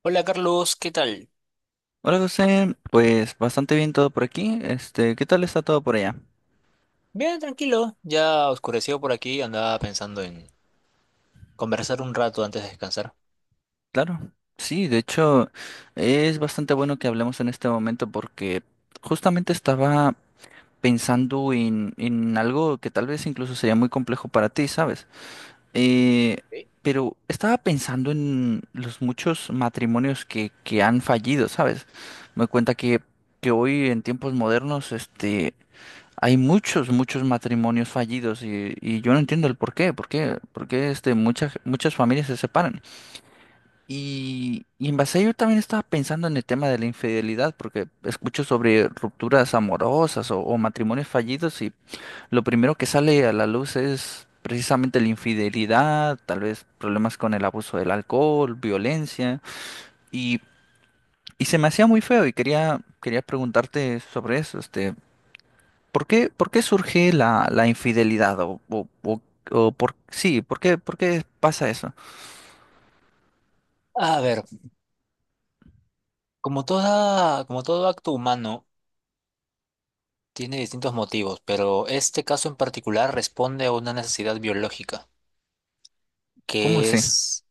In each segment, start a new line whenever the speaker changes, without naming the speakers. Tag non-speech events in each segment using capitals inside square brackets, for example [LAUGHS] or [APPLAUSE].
Hola Carlos, ¿qué tal?
Hola José, pues bastante bien todo por aquí. ¿Qué tal está todo por allá?
Bien, tranquilo, ya oscureció por aquí, andaba pensando en conversar un rato antes de descansar.
Claro, sí, de hecho es bastante bueno que hablemos en este momento porque justamente estaba pensando en algo que tal vez incluso sería muy complejo para ti, ¿sabes? Eh, pero estaba pensando en los muchos matrimonios que han fallido, ¿sabes? Me doy cuenta que hoy en tiempos modernos, hay muchos matrimonios fallidos y yo no entiendo el por qué muchas familias se separan. Y en base a ello también estaba pensando en el tema de la infidelidad, porque escucho sobre rupturas amorosas o matrimonios fallidos y lo primero que sale a la luz es precisamente la infidelidad, tal vez problemas con el abuso del alcohol, violencia y, y se me hacía muy feo y quería preguntarte sobre eso, ¿Por qué surge la infidelidad? O por, sí, por qué pasa eso?
A ver, como todo acto humano tiene distintos motivos, pero este caso en particular responde a una necesidad biológica,
¿Cómo
que
así?
es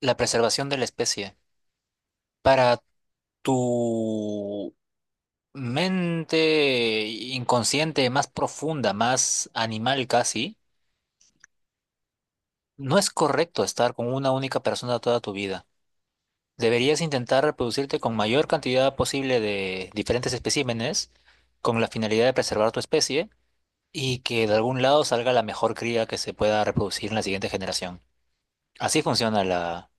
la preservación de la especie. Para tu mente inconsciente más profunda, más animal casi, no es correcto estar con una única persona toda tu vida. Deberías intentar reproducirte con mayor cantidad posible de diferentes especímenes con la finalidad de preservar tu especie y que de algún lado salga la mejor cría que se pueda reproducir en la siguiente generación. Así funciona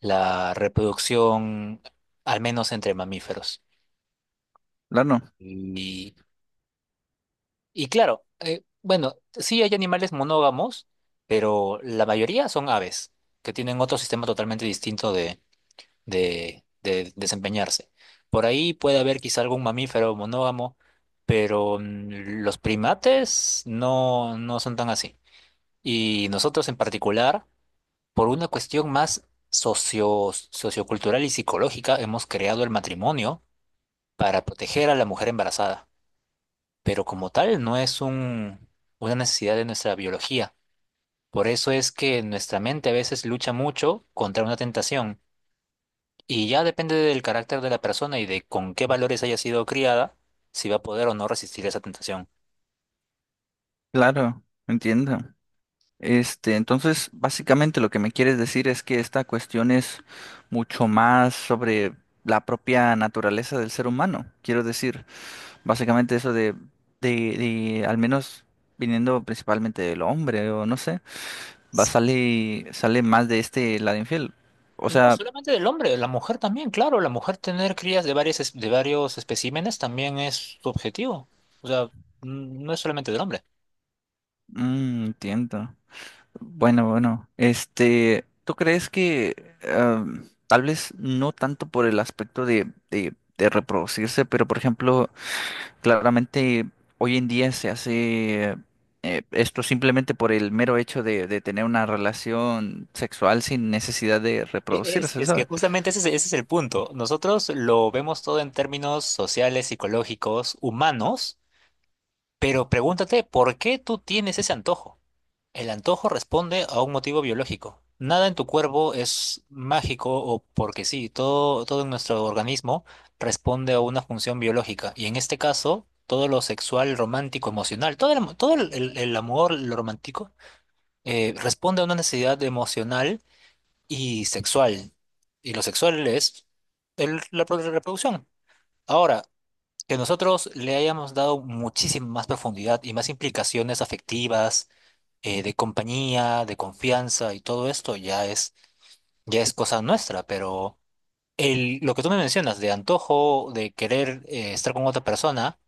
la reproducción, al menos entre mamíferos.
Claro,
Y, y claro, bueno, sí hay animales monógamos, pero la mayoría son aves, que tienen otro sistema totalmente distinto de desempeñarse. Por ahí puede haber quizá algún mamífero monógamo, pero los primates no, no son tan así. Y nosotros en particular, por una cuestión más sociocultural y psicológica, hemos creado el matrimonio para proteger a la mujer embarazada. Pero como tal, no es un, una necesidad de nuestra biología. Por eso es que nuestra mente a veces lucha mucho contra una tentación. Y ya depende del carácter de la persona y de con qué valores haya sido criada, si va a poder o no resistir esa tentación.
claro, entiendo. Entonces, básicamente lo que me quieres decir es que esta cuestión es mucho más sobre la propia naturaleza del ser humano. Quiero decir, básicamente eso de, de al menos viniendo principalmente del hombre, o no sé, sale más de este lado infiel. O
No
sea,
solamente del hombre, la mujer también, claro, la mujer tener crías de varios especímenes también es su objetivo. O sea, no es solamente del hombre.
mm, entiendo. Bueno, bueno, este, ¿tú crees que ah, tal vez no tanto por el aspecto de reproducirse, pero por ejemplo, claramente hoy en día se hace esto simplemente por el mero hecho de tener una relación sexual sin necesidad de
E- Es,
reproducirse,
es que
¿sabes?
justamente ese es el punto. Nosotros lo vemos todo en términos sociales, psicológicos, humanos, pero pregúntate, ¿por qué tú tienes ese antojo? El antojo responde a un motivo biológico. Nada en tu cuerpo es mágico o porque sí, todo en nuestro organismo responde a una función biológica. Y en este caso, todo lo sexual, romántico, emocional, todo el amor, lo romántico, responde a una necesidad emocional y sexual. Y lo sexual es la reproducción. Ahora, que nosotros le hayamos dado muchísima más profundidad y más implicaciones afectivas, de compañía, de confianza y todo esto ya es cosa nuestra, pero lo que tú me mencionas de antojo, de querer estar con otra persona,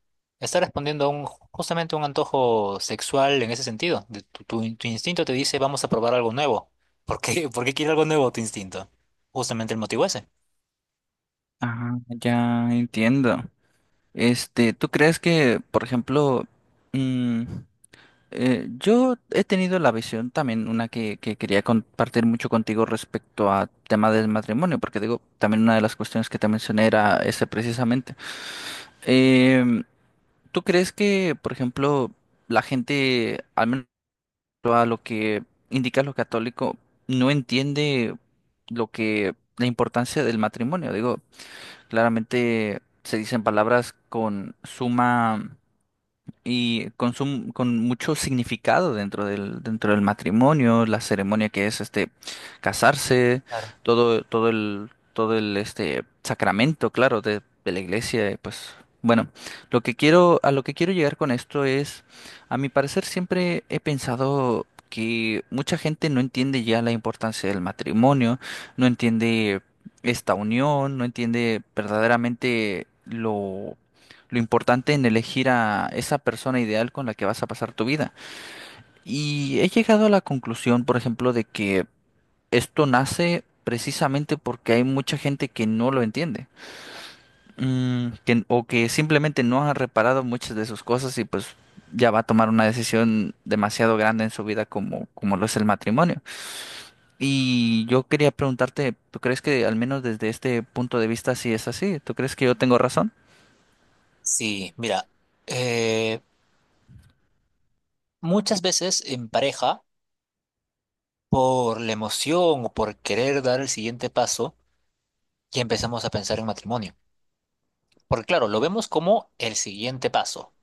está respondiendo a justamente a un antojo sexual en ese sentido. De tu instinto te dice, vamos a probar algo nuevo. [LAUGHS] Por qué quiere algo nuevo tu instinto? Justamente el motivo ese.
Ah, ya entiendo. Este, ¿tú crees que, por ejemplo, mm, yo he tenido la visión también, una que quería compartir mucho contigo respecto a tema del matrimonio, porque digo, también una de las cuestiones que te mencioné era ese precisamente. Em, ¿Tú crees que, por ejemplo, la gente, al menos a lo que indica lo católico, no entiende lo que, la importancia del matrimonio? Digo, claramente se dicen palabras con suma y con mucho significado dentro del matrimonio, la ceremonia que es casarse,
Claro.
todo el sacramento, claro, de la iglesia, y pues bueno, a lo que quiero llegar con esto es, a mi parecer siempre he pensado que mucha gente no entiende ya la importancia del matrimonio, no entiende esta unión, no entiende verdaderamente lo importante en elegir a esa persona ideal con la que vas a pasar tu vida. Y he llegado a la conclusión, por ejemplo, de que esto nace precisamente porque hay mucha gente que no lo entiende, mm, que- o que simplemente no ha reparado muchas de sus cosas y pues ya va a tomar una decisión demasiado grande en su vida como lo es el matrimonio. Y yo quería preguntarte, ¿tú crees que al menos desde este punto de vista sí es así? ¿Tú crees que yo tengo razón?
Sí, mira, eh, muchas veces en pareja, por la emoción o por querer dar el siguiente paso, ya empezamos a pensar en matrimonio. Porque claro, lo vemos como el siguiente paso,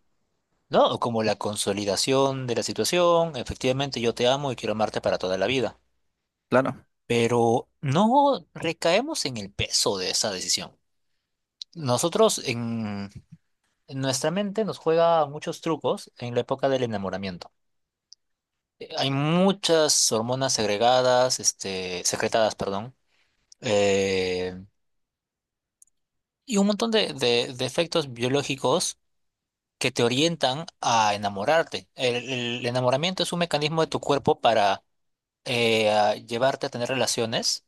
¿no? O como la consolidación de la situación, efectivamente yo te amo y quiero amarte para toda la vida.
Claro,
Pero no recaemos en el peso de esa decisión. Nosotros en nuestra mente nos juega muchos trucos en la época del enamoramiento. Hay muchas hormonas segregadas, este, secretadas, perdón, eh, y un montón de efectos biológicos que te orientan a enamorarte. El enamoramiento es un mecanismo de tu cuerpo para a llevarte a tener relaciones,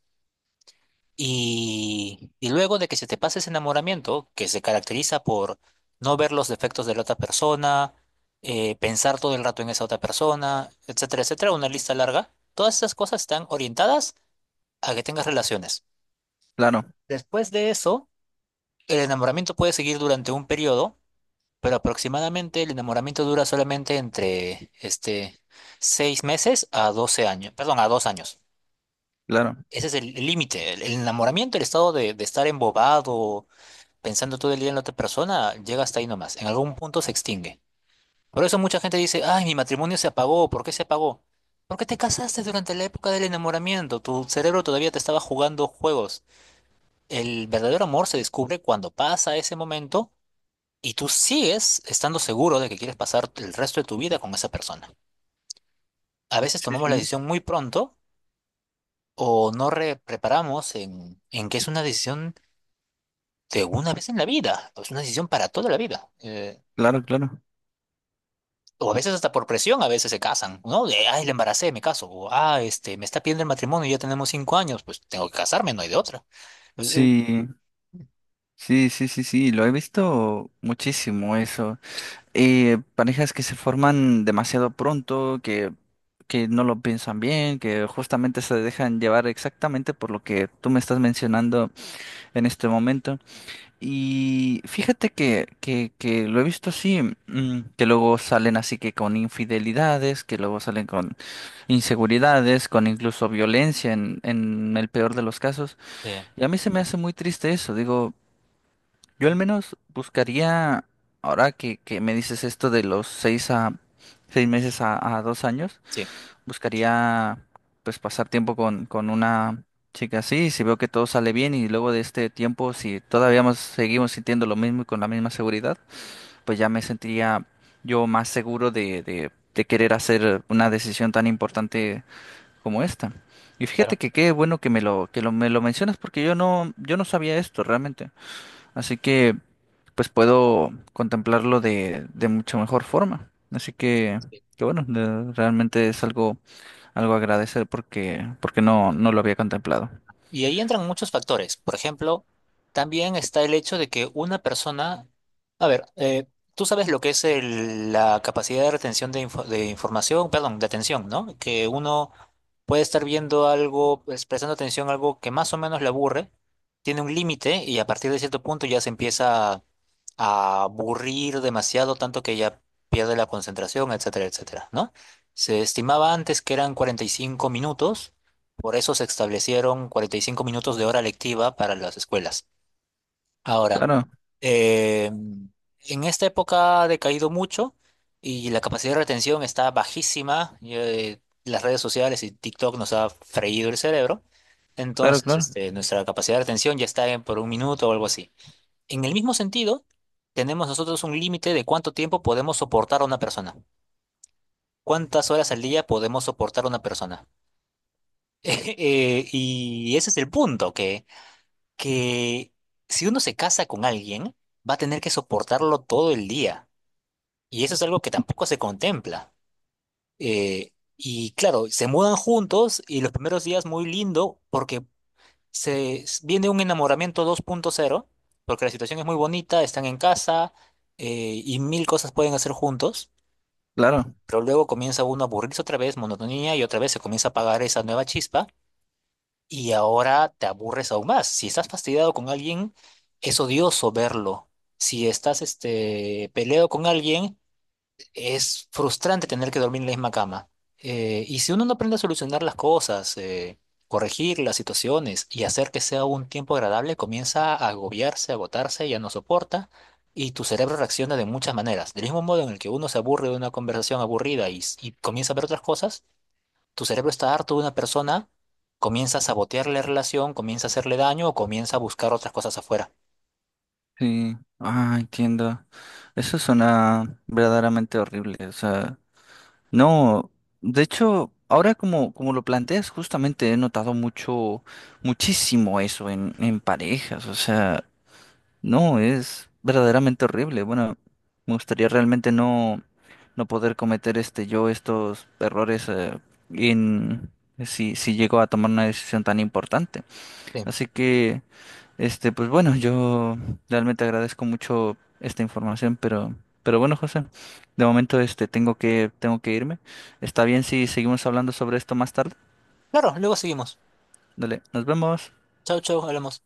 y luego de que se te pase ese enamoramiento, que se caracteriza por no ver los defectos de la otra persona, pensar todo el rato en esa otra persona, etcétera, etcétera, una lista larga, todas esas cosas están orientadas a que tengas relaciones.
claro,
Después de eso, el enamoramiento puede seguir durante un periodo. Pero aproximadamente el enamoramiento dura solamente entre 6 meses a a 2 años.
claro.
Ese es el límite. El enamoramiento, el estado de estar embobado, pensando todo el día en la otra persona, llega hasta ahí nomás. En algún punto se extingue. Por eso mucha gente dice, ay, mi matrimonio se apagó. ¿Por qué se apagó? Porque te casaste durante la época del enamoramiento. Tu cerebro todavía te estaba jugando juegos. El verdadero amor se descubre cuando pasa ese momento y tú sigues estando seguro de que quieres pasar el resto de tu vida con esa persona. A veces
Sí,
tomamos
sí,
la
sí.
decisión muy pronto, o no re- preparamos en que es una decisión de una vez en la vida, o es una decisión para toda la vida.
Claro, claro.
O a veces hasta por presión, a veces se casan, ¿no? De, ay, le embaracé, me caso. O, ah, me está pidiendo el matrimonio y ya tenemos 5 años, pues tengo que casarme, no hay de otra. Pues, Eh,
Sí, sí, sí, sí, sí, lo he visto muchísimo eso. Parejas que se forman demasiado pronto, que no lo piensan bien, que justamente se dejan llevar exactamente por lo que tú me estás mencionando en este momento. Y fíjate que lo he visto así, mm, que luego salen así que con infidelidades, que luego salen con inseguridades, con incluso violencia en el peor de los casos.
eh,
Y a mí se me hace muy triste eso, digo. Yo al menos buscaría, ahora que me dices esto de los seis meses a dos años,
sí,
buscaría pues pasar tiempo con una chica así, si veo que todo sale bien y luego de este tiempo, si todavía seguimos sintiendo lo mismo y con la misma seguridad, pues ya me sentiría yo más seguro de querer hacer una decisión tan importante como esta. Y fíjate
claro.
que qué bueno que me lo mencionas porque yo no sabía esto realmente. Así que pues puedo contemplarlo de mucha mejor forma. Así que bueno, de- realmente es algo, algo a agradecer porque, porque no, no lo había contemplado.
Y ahí entran muchos factores. Por ejemplo, también está el hecho de que una persona, a ver, tú sabes lo que es la capacidad de retención de información, perdón, de atención, ¿no? Que uno puede estar viendo algo, pues, prestando atención a algo que más o menos le aburre, tiene un límite y a partir de cierto punto ya se empieza a aburrir demasiado, tanto que ya pierde la concentración, etcétera, etcétera, ¿no? Se estimaba antes que eran 45 minutos, por eso se establecieron 45 minutos de hora lectiva para las escuelas. Ahora,
Claro,
eh, en esta época ha decaído mucho y la capacidad de retención está bajísima. Y, las redes sociales y TikTok nos ha freído el cerebro.
claro,
Entonces,
claro,
nuestra capacidad de retención ya está en por un minuto o algo así. En el mismo sentido, tenemos nosotros un límite de cuánto tiempo podemos soportar a una persona, cuántas horas al día podemos soportar a una persona. [LAUGHS] Y ese es el punto, que si uno se casa con alguien, va a tener que soportarlo todo el día. Y eso es algo que tampoco se contempla. Eh, y claro, se mudan juntos y los primeros días muy lindo porque viene un enamoramiento 2.0, porque la situación es muy bonita, están en casa, y mil cosas pueden hacer juntos,
claro.
pero luego comienza uno a aburrirse otra vez, monotonía, y otra vez se comienza a apagar esa nueva chispa y ahora te aburres aún más. Si estás fastidiado con alguien, es odioso verlo. Si estás peleado con alguien, es frustrante tener que dormir en la misma cama. Y si uno no aprende a solucionar las cosas, corregir las situaciones y hacer que sea un tiempo agradable, comienza a agobiarse, a agotarse, ya no soporta y tu cerebro reacciona de muchas maneras. Del mismo modo en el que uno se aburre de una conversación aburrida y comienza a ver otras cosas, tu cerebro está harto de una persona, comienza a sabotear la relación, comienza a hacerle daño o comienza a buscar otras cosas afuera.
Sí. Ah, entiendo. Eso suena verdaderamente horrible. O sea, no. De hecho, ahora como lo planteas, justamente he notado muchísimo eso en parejas. O sea. No, es verdaderamente horrible. Bueno, me gustaría realmente no poder cometer este yo estos errores en si llego a tomar una decisión tan importante.
Bien.
Así que, este, pues bueno, yo realmente agradezco mucho esta información, pero bueno, José, de momento este tengo tengo que irme. Está bien si seguimos hablando sobre esto más tarde.
Claro, luego seguimos.
Dale, nos vemos.
Chau, chau, hablamos.